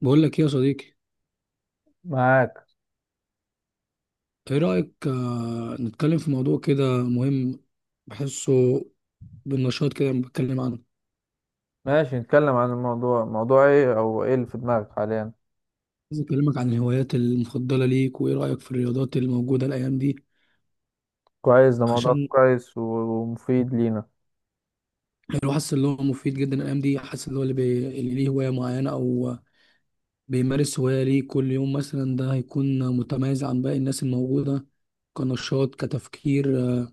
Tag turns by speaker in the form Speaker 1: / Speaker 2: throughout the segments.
Speaker 1: بقول لك ايه يا صديقي؟
Speaker 2: معاك.
Speaker 1: ايه رأيك، نتكلم في موضوع كده مهم؟ بحسه بالنشاط كده لما بتكلم عنه.
Speaker 2: ماشي، نتكلم عن الموضوع. موضوع ايه او ايه اللي في دماغك حاليا؟
Speaker 1: عايز اكلمك عن الهوايات المفضلة ليك، وايه رأيك في الرياضات الموجودة الايام دي؟
Speaker 2: كويس، ده موضوع
Speaker 1: عشان
Speaker 2: كويس ومفيد لينا.
Speaker 1: الواحد حاسس ان هو مفيد جدا الايام دي، حاسس ان هو اللي ليه هواية معينة او بيمارس هواية ليه كل يوم مثلا، ده هيكون متميز عن باقي الناس الموجودة. كنشاط، كتفكير،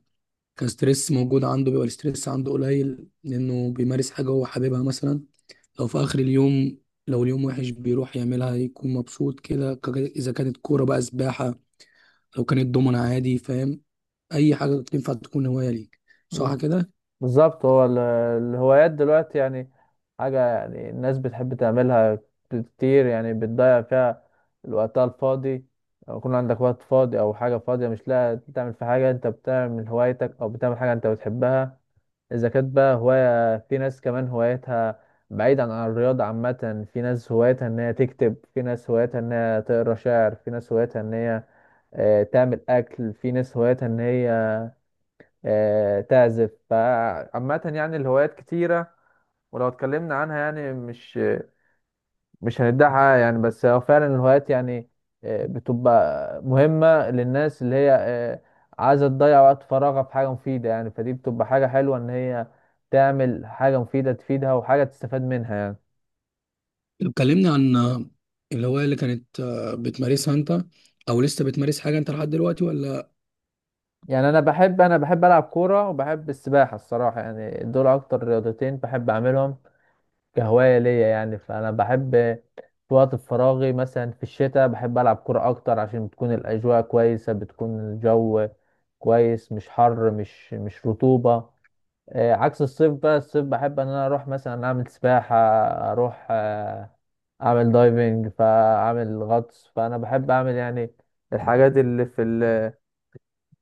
Speaker 1: كستريس موجود عنده، بيبقى الاستريس عنده قليل لانه بيمارس حاجة هو حاببها مثلا. لو في اخر اليوم، لو اليوم وحش بيروح يعملها يكون مبسوط كده. اذا كانت كوره، بقى سباحه، لو كانت دومنا، عادي، فاهم؟ اي حاجه تنفع تكون هوايه ليك، صح
Speaker 2: مم.
Speaker 1: كده؟
Speaker 2: بالظبط. هو الهوايات دلوقتي يعني حاجة يعني الناس بتحب تعملها كتير، يعني بتضيع فيها الوقت الفاضي. لو يكون عندك وقت فاضي أو حاجة فاضية مش لاقي تعمل في حاجة، أنت بتعمل هوايتك أو بتعمل حاجة أنت بتحبها. إذا كانت بقى هواية، في ناس كمان هوايتها بعيدا عن الرياضة عامة. في ناس هوايتها إن هي تكتب، في ناس هوايتها إن هي تقرا شعر، في ناس هوايتها إن هي تعمل أكل، في ناس هوايتها إن هي تعزف. فعامة يعني الهوايات كتيرة، ولو اتكلمنا عنها يعني مش هنديها حقها يعني. بس هو فعلا الهوايات يعني بتبقى مهمة للناس اللي هي عايزة تضيع وقت فراغها في حاجة مفيدة. يعني فدي بتبقى حاجة حلوة إن هي تعمل حاجة مفيدة تفيدها وحاجة تستفاد منها يعني.
Speaker 1: لو اتكلمنا عن الهوايه اللي كانت بتمارسها انت، او لسه بتمارس حاجه انت لحد دلوقتي ولا؟
Speaker 2: يعني أنا بحب ألعب كورة وبحب السباحة الصراحة يعني، دول أكتر رياضتين بحب أعملهم كهواية ليا يعني. فأنا بحب في وقت فراغي مثلا في الشتاء بحب ألعب كرة أكتر عشان بتكون الأجواء كويسة، بتكون الجو كويس، مش حر، مش رطوبة. عكس الصيف بقى، الصيف بحب إن أنا أروح مثلا أعمل سباحة، أروح أعمل دايفنج، فأعمل غطس. فأنا بحب أعمل يعني الحاجات اللي في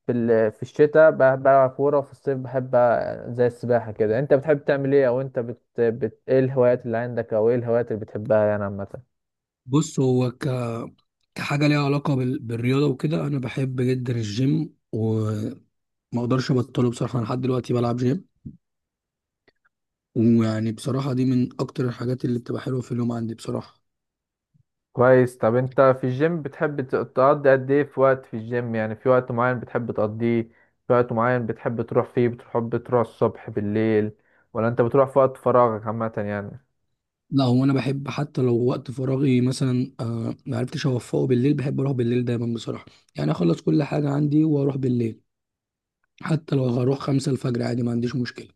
Speaker 2: في الشتاء بلعب كورة، وفي الصيف بحب زي السباحة كده. انت بتحب تعمل ايه؟ او انت ايه الهوايات اللي عندك، او ايه الهوايات اللي بتحبها يعني عامة؟
Speaker 1: بص، هو كحاجه ليها علاقه بالرياضه وكده، انا بحب جدا الجيم وما اقدرش ابطله بصراحه. انا لحد دلوقتي بلعب جيم، ويعني بصراحه دي من اكتر الحاجات اللي بتبقى حلوه في اليوم عندي بصراحه.
Speaker 2: كويس. طب انت في الجيم بتحب تقضي قد ايه في وقت في الجيم؟ يعني في وقت معين بتحب تقضيه، في وقت معين بتحب تروح فيه؟ بتحب تروح الصبح بالليل، ولا انت بتروح في وقت فراغك عامة يعني؟
Speaker 1: لا، هو انا بحب حتى لو وقت فراغي، مثلا ما عرفتش اوفقه بالليل، بحب اروح بالليل دايما بصراحه. يعني اخلص كل حاجه عندي واروح بالليل، حتى لو هروح 5 الفجر عادي، ما عنديش مشكله.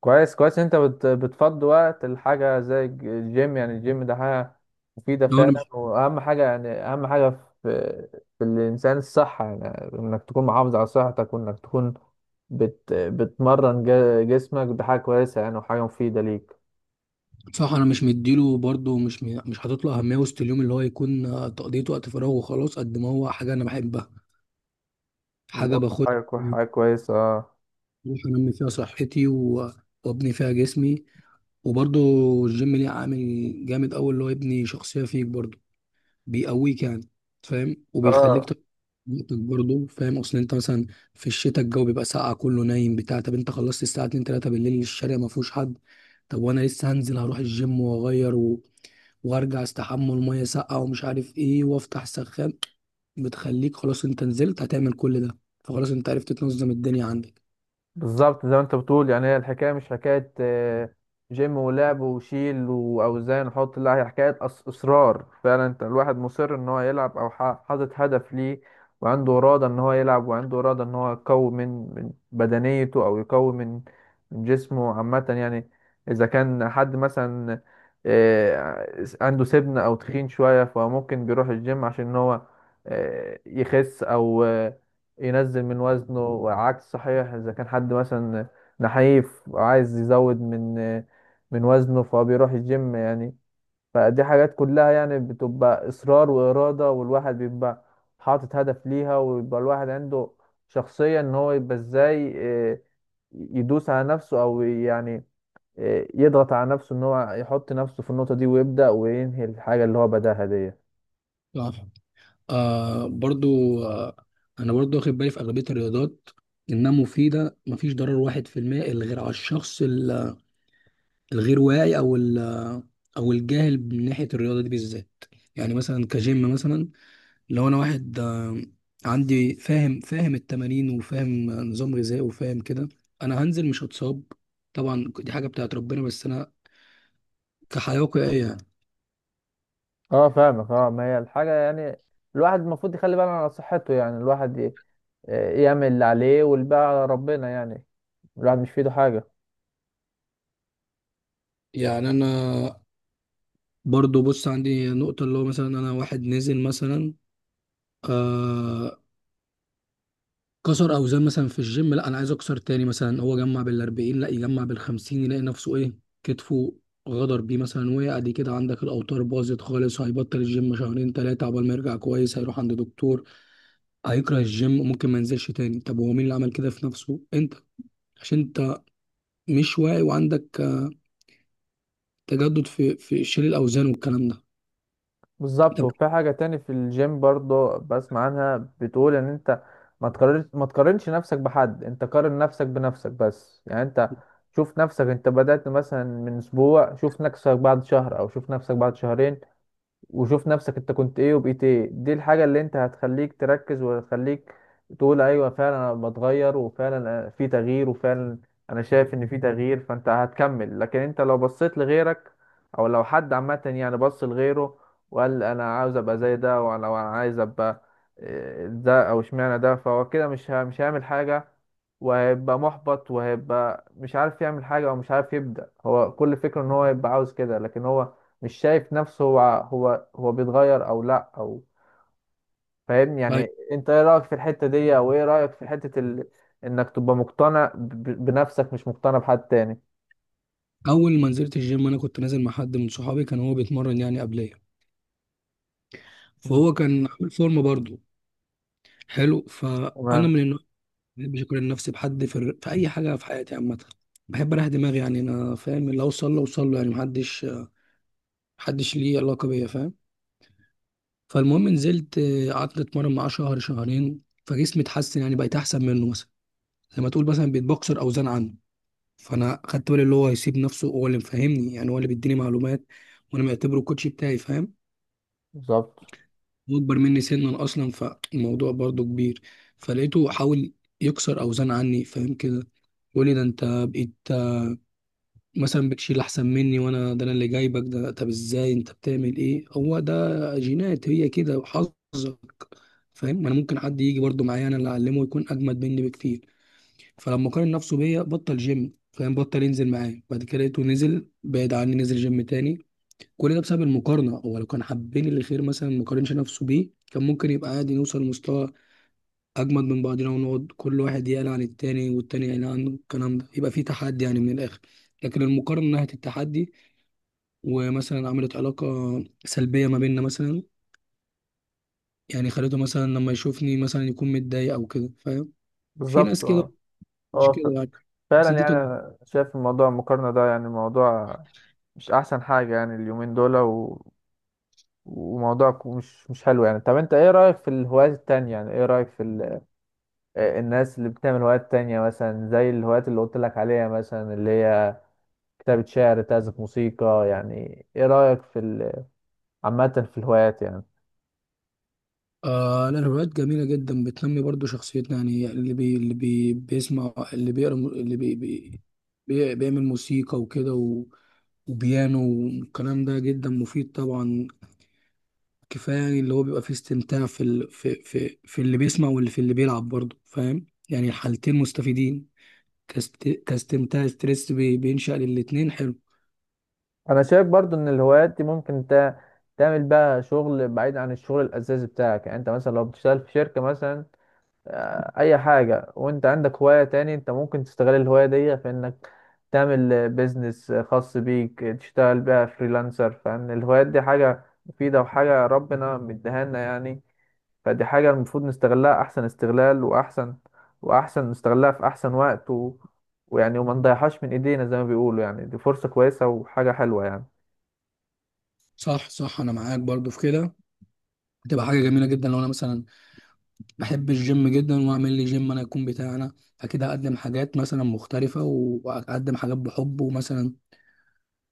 Speaker 2: كويس كويس. انت بتفضي وقت الحاجة زي الجيم. يعني الجيم ده حاجة مفيدة
Speaker 1: لو انا
Speaker 2: فعلا،
Speaker 1: مش...
Speaker 2: واهم حاجة يعني، اهم حاجة في الانسان الصحة. يعني انك تكون محافظ على صحتك، وانك تكون بتمرن جسمك، ده حاجة كويسة يعني وحاجة مفيدة ليك.
Speaker 1: بصراحه انا مش مديله برضه مش حاطط له اهميه وسط اليوم، اللي هو يكون تقضيه وقت فراغ وخلاص. قد ما هو حاجه انا بحبها، حاجه
Speaker 2: بالظبط،
Speaker 1: باخد،
Speaker 2: حاجة كويسة، اه.
Speaker 1: بروح انمي فيها صحتي وابني فيها جسمي. وبرضه الجيم ليه عامل جامد قوي، اللي هو يبني شخصيه فيك برضه، بيقويك يعني، فاهم،
Speaker 2: اه
Speaker 1: نقطة برضه فاهم. اصل انت مثلا في الشتاء الجو بيبقى ساقع، كله نايم بتاع. طب انت خلصت الساعه 2 3 بالليل، الشارع ما فيهوش حد، طب وانا لسه هنزل، هروح الجيم واغير وارجع استحمى، الميه ساقعه ومش عارف ايه، وافتح سخان. بتخليك خلاص انت نزلت هتعمل كل ده، فخلاص انت عرفت تنظم الدنيا عندك.
Speaker 2: بالظبط. زي ما انت بتقول يعني، هي الحكايه مش حكايه جيم ولعب وشيل واوزان وحط، لا، هي حكايه اصرار فعلا. انت الواحد مصر ان هو يلعب، او حاطط هدف ليه، وعنده اراده ان هو يلعب، وعنده اراده ان هو يقوي من بدنيته، او يقوي من جسمه عامه يعني. اذا كان حد مثلا عنده سمنه او تخين شويه، فممكن بيروح الجيم عشان ان هو يخس، او ينزل من وزنه. وعكس صحيح، اذا كان حد مثلا نحيف وعايز يزود من وزنه، فهو بيروح الجيم يعني. فدي حاجات كلها يعني بتبقى اصرار وارادة، والواحد بيبقى حاطط هدف ليها، ويبقى الواحد عنده شخصية ان هو يبقى ازاي آه، يدوس على نفسه، او يعني يضغط على نفسه ان هو يحط نفسه في النقطة دي، ويبدأ وينهي الحاجة اللي هو بداها دي.
Speaker 1: صح. آه برضو آه. انا برضو واخد بالي في اغلبيه الرياضات انها مفيده، مفيش ضرر 1% إلا غير على الشخص الغير واعي او الجاهل من ناحيه الرياضه دي بالذات. يعني مثلا كجيم مثلا، لو انا واحد عندي، فاهم التمارين وفاهم نظام غذائي وفاهم كده، انا هنزل مش هتصاب. طبعا دي حاجه بتاعت ربنا، بس انا كحياه واقعيه يعني.
Speaker 2: اه فاهمك، اه. ما هي الحاجة يعني الواحد المفروض يخلي باله على صحته. يعني الواحد يعمل اللي عليه والباقي على ربنا يعني، الواحد مش في ايده حاجة.
Speaker 1: يعني انا برضو، بص عندي نقطه، اللي هو مثلا انا واحد نزل مثلا آه، كسر اوزان مثلا في الجيم، لا انا عايز اكسر تاني مثلا، هو جمع بال40 لا يجمع بال50، يلاقي نفسه ايه، كتفه غدر بيه مثلا وقع، دي كده عندك الاوتار باظت خالص، هيبطل الجيم شهرين 3 عقبال ما يرجع كويس، هيروح عند دكتور، هيكره الجيم، ممكن ما ينزلش تاني. طب هو مين اللي عمل كده في نفسه؟ انت، عشان انت مش واعي، وعندك تجدد في شيل الاوزان والكلام ده.
Speaker 2: بالظبط.
Speaker 1: طب،
Speaker 2: وفي حاجة تاني في الجيم برضو بسمع عنها، بتقول ان انت ما تقارنش نفسك بحد، انت قارن نفسك بنفسك بس. يعني انت شوف نفسك، انت بدأت مثلا من اسبوع، شوف نفسك بعد شهر، او شوف نفسك بعد شهرين، وشوف نفسك انت كنت ايه وبقيت ايه. دي الحاجة اللي انت هتخليك تركز، وهتخليك تقول ايوه فعلا انا بتغير، وفعلا في تغيير، وفعلا انا شايف ان في تغيير، فانت هتكمل. لكن انت لو بصيت لغيرك، او لو حد عامة يعني بص لغيره، وقال انا عاوز ابقى زي ده، وانا لو انا عايز ابقى اه، ده، او اشمعنى ده، فهو كده مش هيعمل حاجة، وهيبقى محبط، وهيبقى مش عارف يعمل حاجة، او مش عارف يبدأ. هو كل فكرة ان هو يبقى عاوز كده، لكن هو مش شايف نفسه هو هو هو بيتغير او لا، او فاهم يعني.
Speaker 1: طيب،
Speaker 2: انت ايه رايك في الحته دي؟ او ايه رايك في حته انك تبقى مقتنع بنفسك مش مقتنع بحد تاني؟
Speaker 1: اول ما نزلت الجيم انا كنت نازل مع حد من صحابي، كان هو بيتمرن يعني قبليه،
Speaker 2: مم.
Speaker 1: فهو كان عامل فورمه برضه حلو. فانا
Speaker 2: تمام.
Speaker 1: من النوع ما بحبش اقارن نفسي بحد في اي حاجه في حياتي عامه، بحب اريح دماغي، يعني انا فاهم اللي اوصل له اوصل له، يعني محدش ليه علاقه بيا فاهم. فالمهم نزلت، قعدت اتمرن معاه شهر شهرين، فجسمي اتحسن يعني، بقيت احسن منه مثلا، زي ما تقول مثلا بقيت بكسر اوزان عنه. فانا خدت بالي اللي هو يسيب نفسه، هو اللي مفهمني يعني، هو اللي بيديني معلومات، وانا معتبره الكوتش بتاعي فاهم.
Speaker 2: بالظبط
Speaker 1: هو اكبر مني سنا اصلا، فالموضوع برضه كبير. فلقيته حاول يكسر اوزان عني فاهم كده، تقولي ده انت بقيت مثلا بتشيل احسن مني، وانا ده انا اللي جايبك. ده طب ازاي انت بتعمل ايه هو ده؟ جينات هي كده وحظك فاهم. ما انا ممكن حد يجي برضو معايا انا اللي اعلمه يكون اجمد مني بكتير. فلما قارن نفسه بيا بطل جيم فاهم، بطل ينزل معايا بعد كده، لقيته نزل بعيد عني، نزل جيم تاني. كل ده بسبب المقارنه. هو لو كان حابين الخير مثلا ما قارنش نفسه بيه، كان ممكن يبقى عادي، نوصل لمستوى اجمد من بعضنا، ونقعد كل واحد يقلق عن التاني والتاني يقلق عنه، الكلام ده يبقى في تحدي يعني من الاخر. لكن المقارنه من ناحيه التحدي، ومثلا عملت علاقه سلبيه ما بيننا مثلا، يعني خليته مثلا لما يشوفني مثلا يكون متضايق او كده فاهم. في ناس
Speaker 2: بالظبط،
Speaker 1: كده،
Speaker 2: اه.
Speaker 1: مش
Speaker 2: آه،
Speaker 1: كده
Speaker 2: ف-
Speaker 1: يعني. بس
Speaker 2: فعلا
Speaker 1: دي
Speaker 2: يعني
Speaker 1: تج-
Speaker 2: انا شايف الموضوع المقارنه ده يعني موضوع مش احسن حاجه يعني اليومين دول وموضوع مش حلو يعني. طب انت ايه رايك في الهوايات التانية؟ يعني ايه رايك في الناس اللي بتعمل هوايات تانية، مثلا زي الهوايات اللي قلت لك عليها مثلا، اللي هي كتابة شعر، تعزف موسيقى. يعني ايه رأيك في عامة في الهوايات يعني؟
Speaker 1: آه لا، الروايات جميله جدا، بتنمي برضو شخصيتنا يعني. اللي بيسمع، اللي بيقرا، اللي بيعمل موسيقى وكده وبيانو، والكلام ده جدا مفيد طبعا. كفايه يعني اللي هو بيبقى فيه استمتاع في اللي بيسمع واللي في اللي بيلعب برضه، فاهم يعني الحالتين مستفيدين. كاستمتاع، ستريس بينشأ للاتنين، حلو.
Speaker 2: انا شايف برضو ان الهوايات دي ممكن تعمل بقى شغل بعيد عن الشغل الاساسي بتاعك. يعني انت مثلا لو بتشتغل في شركة مثلا اي حاجة، وانت عندك هواية تاني، انت ممكن تستغل الهواية دي في انك تعمل بيزنس خاص بيك، تشتغل بقى فريلانسر. فان الهوايات دي حاجة مفيدة وحاجة ربنا مديها لنا يعني. فدي حاجة المفروض نستغلها أحسن استغلال، وأحسن نستغلها في أحسن وقت ويعني وما نضيعهاش من إيدينا زي ما بيقولوا يعني. دي فرصة كويسة وحاجة حلوة يعني.
Speaker 1: صح صح، انا معاك برضه في كده. هتبقى حاجه جميله جدا لو انا مثلا بحب الجيم جدا واعمل لي جيم انا يكون بتاعنا، اكيد هقدم حاجات مثلا مختلفه وهقدم حاجات بحب، ومثلا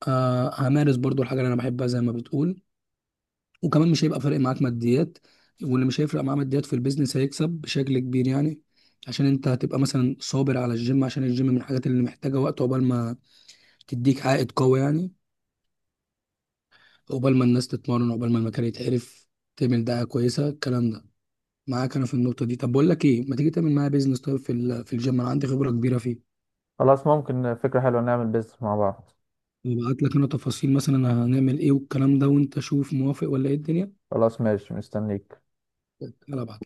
Speaker 1: آه همارس برضه الحاجه اللي انا بحبها زي ما بتقول. وكمان مش هيبقى فارق معاك ماديات، واللي مش هيفرق معاه ماديات في البيزنس هيكسب بشكل كبير يعني. عشان انت هتبقى مثلا صابر على الجيم، عشان الجيم من الحاجات اللي محتاجة وقت عقبال ما تديك عائد قوي يعني، عقبال ما الناس تتمرن، عقبال ما المكان يتعرف، تعمل دعاية كويسة، الكلام ده معاك انا في النقطة دي. طب بقول لك ايه، ما تيجي تعمل معايا بيزنس طيب في الجيم، انا عندي خبرة كبيرة فيه،
Speaker 2: خلاص، ممكن، فكرة حلوة، نعمل بيزنس مع بعض.
Speaker 1: وابعت لك انا تفاصيل مثلا هنعمل ايه والكلام ده، وانت شوف موافق ولا ايه الدنيا.
Speaker 2: خلاص، ماشي، مستنيك.
Speaker 1: يلا ابعت.